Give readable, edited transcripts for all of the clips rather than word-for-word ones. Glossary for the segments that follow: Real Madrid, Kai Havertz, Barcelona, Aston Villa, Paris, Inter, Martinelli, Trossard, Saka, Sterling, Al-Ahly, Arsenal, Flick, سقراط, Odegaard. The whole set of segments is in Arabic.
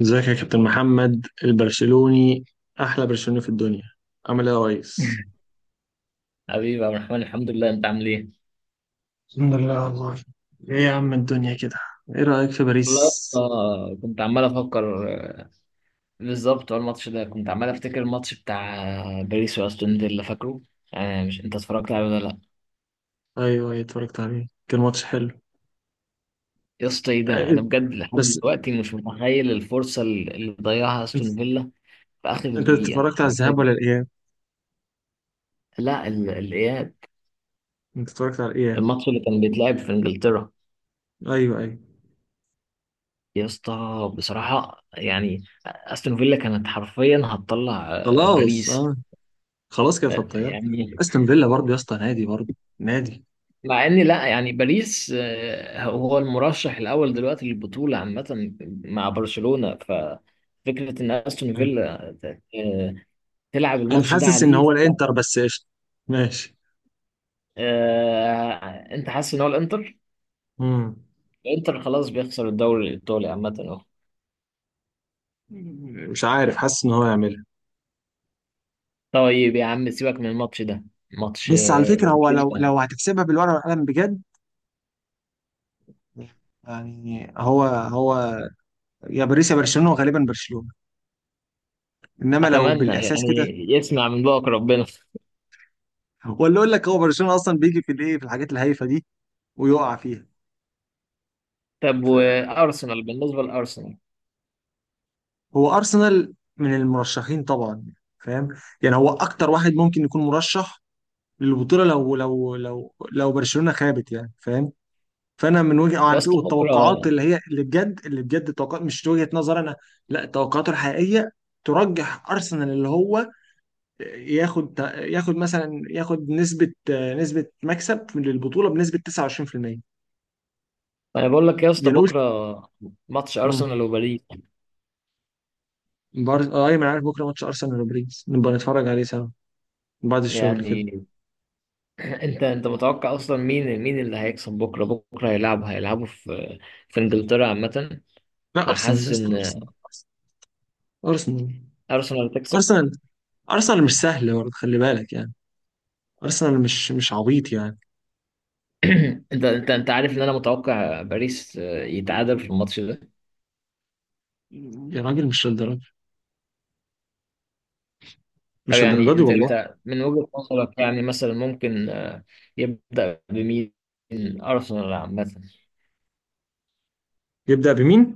ازيك يا كابتن محمد البرشلوني. احلى برشلوني في الدنيا. عامل ايه يا ريس؟ حبيبي يا عبد الرحمن، الحمد لله. انت عامل ايه؟ الحمد لله والله. ايه يا عم الدنيا كده. ايه رايك في لا، باريس؟ كنت عمال افكر، بالظبط. هو الماتش ده كنت عمال افتكر الماتش بتاع باريس واستون فيلا، فاكره؟ آه، مش انت اتفرجت عليه ولا لا؟ ايوه، ايوه، اتفرجت عليه، كان ماتش حلو. يا اسطى ايه ده؟ انا إيه، بجد لحد بس دلوقتي مش متخيل الفرصه اللي ضيعها انت استون فيلا في اخر انت دقيقه اتفرجت على الذهاب حرفيا. ولا الاياب؟ لا، الاياب. انت اتفرجت على الاياب. الماتش اللي كان بيتلعب في انجلترا. ايوه، ايوه. يا اسطى، بصراحه يعني استون فيلا كانت حرفيا هتطلع خلاص، باريس. اه، خلاص كده في الطياره. يعني، استون فيلا برضه يا اسطى، نادي، برضه نادي. مع ان، لا، يعني باريس هو المرشح الاول دلوقتي للبطوله عامه، مع برشلونه. ففكره ان استون أيوة. فيلا آه، تلعب انا الماتش ده حاسس ان عليه، هو لا. الانتر بس، قشطه. ماشي. آه، انت حاسس ان هو الانتر. مم. الانتر خلاص بيخسر الدوري الايطالي عامه اهو. مش عارف، حاسس ان هو يعملها. طيب يا عم، سيبك من الماتش ده. ماتش بس على فكرة هو باريس لو ده، لو هتحسبها بالورقة والقلم بجد، يعني هو يا باريس يا برشلونة، وغالبا برشلونة. انما لو اتمنى بالإحساس يعني كده، يسمع من بوك ربنا. ولا اقول لك هو برشلونة اصلا بيجي في الايه، في الحاجات الهايفة دي ويقع فيها. طب وارسنال؟ بالنسبه لارسنال هو ارسنال من المرشحين طبعا، فاهم. يعني هو اكتر واحد ممكن يكون مرشح للبطولة لو برشلونة خابت، يعني فاهم. فانا من وجهه يا على فكره، اسطى، بكره. والتوقعات اللي هي اللي بجد التوقعات، مش وجهه نظر انا. لا، التوقعات الحقيقيه ترجح ارسنال، اللي هو ياخد مثلا ياخد نسبه نسبه مكسب للبطوله بنسبه 29%. انا بقول لك يا اسطى، يعني قلت. بكره ماتش امم. ارسنال وباريس. بارز، اه، ايوه انا عارف بكره ماتش ارسنال وباريس، نبقى نتفرج عليه سوا بعد الشغل كده. يعني انت متوقع اصلا مين اللي هيكسب بكره؟ بكره هيلعبوا في انجلترا عامه. لا ارسنال يا فحاسس اسطى، ان ارسنال ارسنال ارسنال تكسب. ارسنال ارسنال مش سهل برضه، خلي بالك يعني. ارسنال مش عبيط يعني. انت عارف ان انا متوقع باريس يتعادل في الماتش ده. يا راجل مش للدرجه، طب مش للدرجه يعني دي انت والله. انت من وجهة نظرك، يعني مثلا ممكن يبدأ بمين؟ ارسنال عامه. يبدأ بمين؟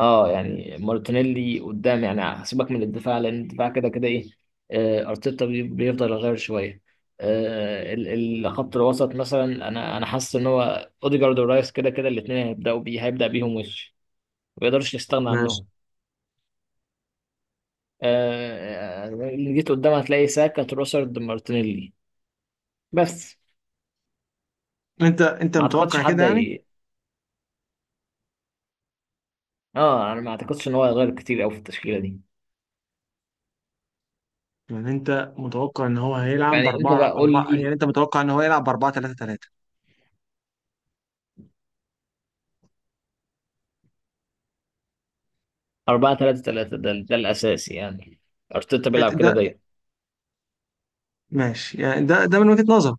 اه، يعني مارتينيلي قدام. يعني هسيبك من الدفاع، لان الدفاع كده كده ايه. ارتيتا بيفضل يغير شويه. الخط الوسط مثلا، انا حاسس ان هو اوديجارد ورايس كده كده الاثنين هيبدا بيهم. ما يقدرش يستغنى ماشي. عنهم. اللي جيت قدام هتلاقي ساكا، تروسرد، مارتينيلي بس. انت ما اعتقدش متوقع كده حد يعني. اه، انا ما اعتقدش ان هو هيغير كتير قوي في التشكيله دي. يعني انت متوقع ان هو هيلعب يعني انت باربعة بقى قول اربعة لي، يعني انت متوقع ان هو يلعب بـ4-3-3. 4-3-3 ده الاساسي، يعني ارتيتا بيلعب ده كده دايما. ماشي يعني، ده من وجهة نظر.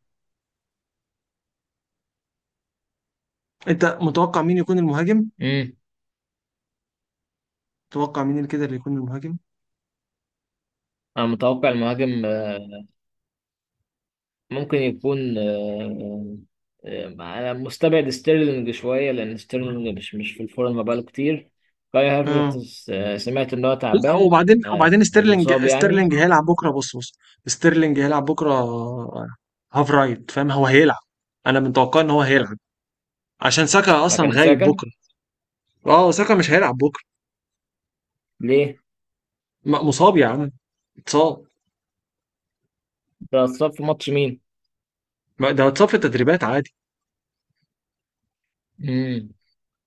انت متوقع مين يكون المهاجم؟ امم متوقع مين اللي كده اللي يكون المهاجم؟ انا متوقع المهاجم ممكن يكون انا مستبعد ستيرلينج شويه، لان ستيرلينج مش في الفورم بقاله كتير. كاي اه، هافرتز سمعت ان هو لا، تعبان وبعدين وبعدين او ستيرلينج مصاب يعني، ستيرلينج هيلعب بكره. بص بص، ستيرلينج هيلعب بكره. هاف رايت، فاهم. هو هيلعب، انا متوقع ان هو هيلعب عشان ساكا اصلا مكان غايب ساكا. بكره. اه، ساكا مش هيلعب بكره. ليه؟ مصاب يا عم، اتصاب. ده اتصاب في ماتش مين؟ ما ده اتصاب في التدريبات عادي. امم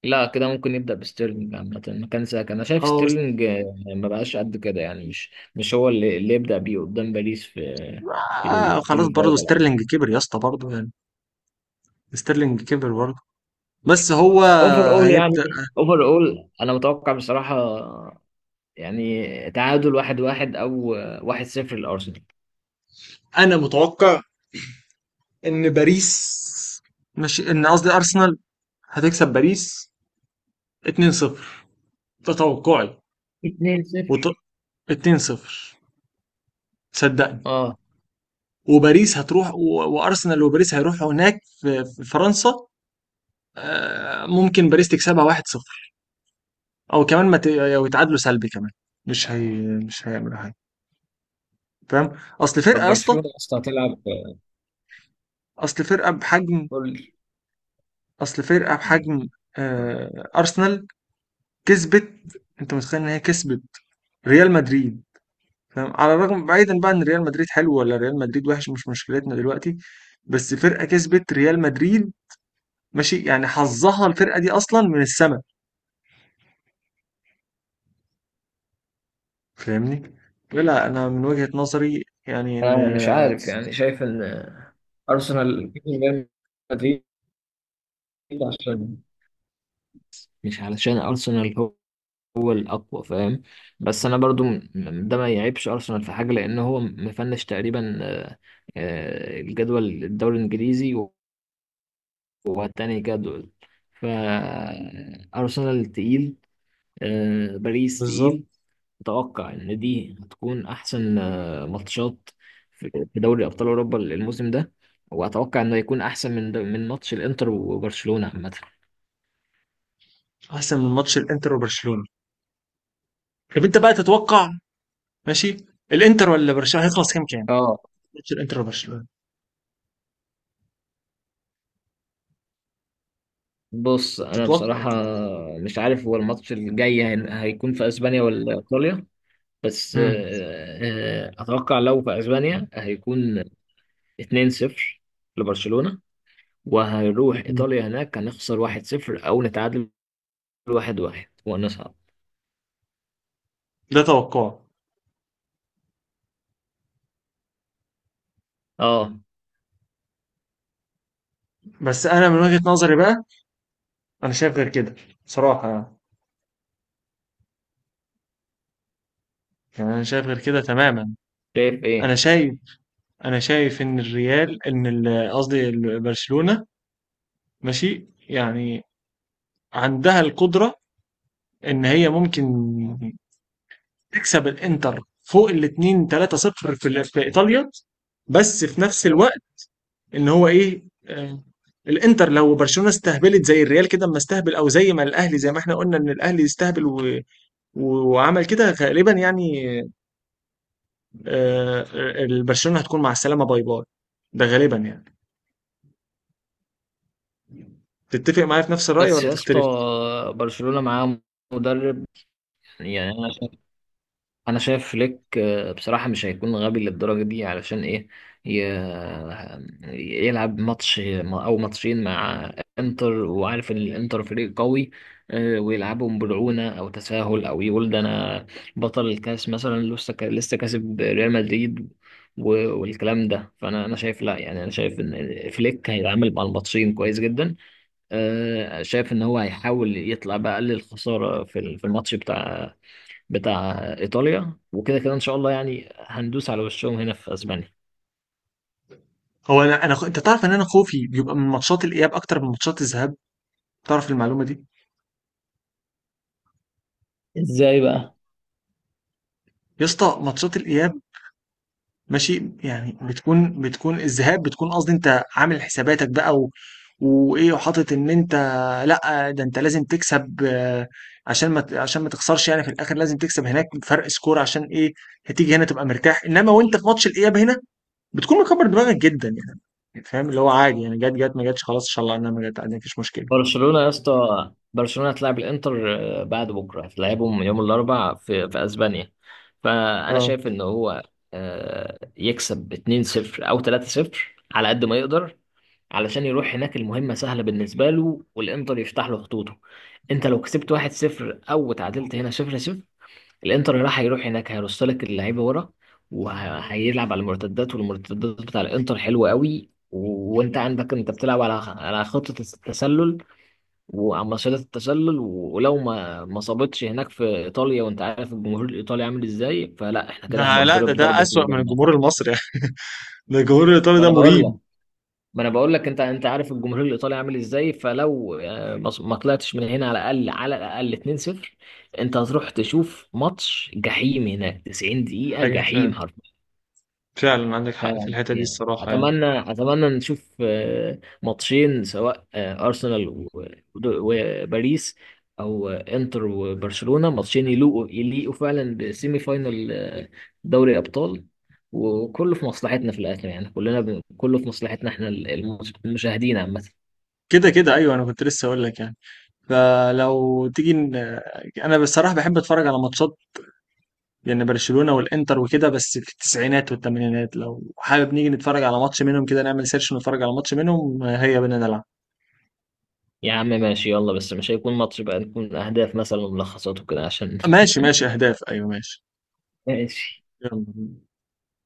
لا، كده ممكن يبدا بستيرلينج عامه مكان ساكا. انا شايف اه، ستيرلينج ما بقاش قد كده، يعني مش هو اللي يبدا بيه قدام باريس في خلاص السيمي برضه فاينال. ستيرلينج كبر يا اسطى برضه يعني. ستيرلينج كبر برضه. بس هو هيبدأ. اوفر اول انا متوقع بصراحه، يعني تعادل 1-1، او 1-0 لارسنال، انا متوقع ان باريس، مش ان، قصدي ارسنال هتكسب باريس 2-0. ده توقعي. 2 وط... صفر 2-0، صدقني. اه. وباريس هتروح وارسنال وباريس هيروحوا هناك في فرنسا. ممكن باريس تكسبها 1-0، او كمان ما ت... أو يتعادلوا سلبي كمان. مش هي، مش هيعمل، فاهم. اصل طب فرقه يا اسطى، برشلونه اصلا هتلعب، اصل فرقه بحجم قول لي. اصل فرقه بحجم آه ارسنال كسبت. انت متخيل ان هي كسبت ريال مدريد؟ فاهم، على الرغم، بعيدا بقى ان ريال مدريد حلو ولا ريال مدريد وحش، مش مشكلتنا دلوقتي. بس فرقه كسبت ريال مدريد، ماشي يعني، حظها الفرقه دي اصلا من السما، فاهمني. لا انا من وجهه نظري يعني ان، انا مش عارف، يعني شايف ان ارسنال من ريال مدريد، عشان مش علشان ارسنال هو الاقوى فاهم، بس انا برضو. ده ما يعيبش ارسنال في حاجه، لان هو مفنش تقريبا الجدول الدوري الانجليزي والتاني جدول. فأرسنال تقيل، باريس بالظبط، تقيل. أتوقع إن دي هتكون أحسن ماتشات في دوري أبطال أوروبا الموسم ده. وأتوقع إنه يكون أحسن من ماتش الإنتر وبرشلونة عامة. احسن من ماتش الانتر وبرشلونه. طب انت بقى تتوقع ماشي، الانتر ولا برشلونه هيخلص كام كام اه، ماتش الانتر وبرشلونه؟ بص، أنا تتوقع بصراحة كده. مش عارف هو الماتش الجاي هيكون في أسبانيا ولا إيطاليا. بس امم. أتوقع لو في أسبانيا هيكون 2-0 لبرشلونة، وهنروح مم. ايطاليا، هناك هنخسر 1-0، او نتعادل 1-1 ونصعد. ده توقع. اه. بس انا من وجهة نظري بقى، انا شايف غير كده صراحة يعني. يعني انا شايف غير كده تماما. شايف انا ايه؟ شايف انا شايف ان الريال، قصدي برشلونة، ماشي يعني عندها القدرة ان هي ممكن تكسب الانتر فوق الاتنين 3 صفر في في ايطاليا. بس في نفس الوقت ان هو ايه، آه، الانتر لو برشلونه استهبلت زي الريال كده، اما استهبل، او زي ما الاهلي، زي ما احنا قلنا ان الاهلي استهبل و... وعمل كده غالبا يعني. آه، برشلونه هتكون مع السلامه، باي باي، ده غالبا يعني. تتفق معايا في نفس الرأي بس ولا يا اسطى، تختلف؟ برشلونة معاه مدرب، يعني انا شايف فليك بصراحه مش هيكون غبي للدرجه دي، علشان ايه؟ يلعب ماتش او ماتشين مع انتر وعارف ان الانتر فريق قوي ويلعبهم برعونه او تساهل، او يقول ده انا بطل الكاس مثلا، لسه لسه كاسب ريال مدريد والكلام ده. فانا انا شايف لا يعني انا شايف ان فليك هيتعامل مع الماتشين كويس جدا، شايف ان هو هيحاول يطلع باقل الخساره في في الماتش بتاع ايطاليا. وكده كده ان شاء الله، يعني هندوس على وشهم هنا في اسبانيا. هو انا انت تعرف ان انا خوفي بيبقى من ماتشات الاياب اكتر من ماتشات الذهاب، تعرف المعلومة دي؟ ازاي بقى؟ يا اسطى ماتشات الاياب، ماشي يعني، بتكون الذهاب بتكون، قصدي انت عامل حساباتك بقى وايه، وحاطط ان انت، لا، ده انت لازم تكسب، عشان ما ت- عشان ما تخسرش يعني في الاخر، لازم تكسب هناك فرق سكور، عشان ايه؟ هتيجي هنا تبقى مرتاح، انما وانت في ماتش الاياب هنا، بتكون مكبر دماغك جدا يعني. فاهم اللي هو عادي يعني، جت جت ما جتش، خلاص ان شاء الله انها ما جت عادي، مفيش مشكله. برشلونة يا اسطى، برشلونة هتلاعب الانتر بعد بكره، هتلاعبهم يوم الاربعاء في اسبانيا. فانا اه، شايف ان هو يكسب 2-0 او 3-0 على قد ما يقدر، علشان يروح هناك المهمة سهلة بالنسبة له، والإنتر يفتح له خطوطه. أنت لو كسبت 1-0 أو تعادلت هنا 0-0، الانتر هيروح هناك هيرص لك اللعيبه ورا، وهيلعب على المرتدات. والمرتدات بتاع الانتر حلوه قوي، وانت عندك انت بتلعب على خطه التسلل وعلى مصيدة التسلل. ولو ما صابتش هناك في ايطاليا، وانت عارف الجمهور الايطالي عامل ازاي، فلا احنا كده ده، لا، ده هنضرب ده ضربه كده اسوأ من بقى. الجمهور المصري يعني. ده الجمهور الايطالي ما ده انا بقول لك مريب. ما انا بقول لك، انت عارف الجمهور الايطالي عامل ازاي، فلو ما طلعتش من هنا على الاقل على الاقل 2-0، انت هتروح تشوف ماتش جحيم هناك، 90 دقيقة ايوه جحيم. فاهم، فعلا عندك حق في الحته دي يعني الصراحه يعني. اتمنى نشوف ماتشين، سواء ارسنال وباريس، او انتر وبرشلونة، ماتشين يليقوا يليقوا فعلا بسيمي فاينال دوري الابطال. وكله في مصلحتنا في الاخر، يعني كله في مصلحتنا احنا المشاهدين عامة. كده كده ايوه، انا كنت لسه اقول لك يعني، فلو تيجي يعني انا بصراحه بحب اتفرج على ماتشات، يعني برشلونه والانتر وكده، بس في التسعينات والثمانينات، لو حابب نيجي نتفرج على ماتش منهم كده، نعمل سيرش ونتفرج على ماتش منهم، هيا بينا نلعب. يا عم ماشي، يلا، بس مش هيكون ماتش بقى، نكون اهداف مثلا وملخصات وكده عشان ماشي، ماشي اهداف، ايوه ماشي، ماشي. يلا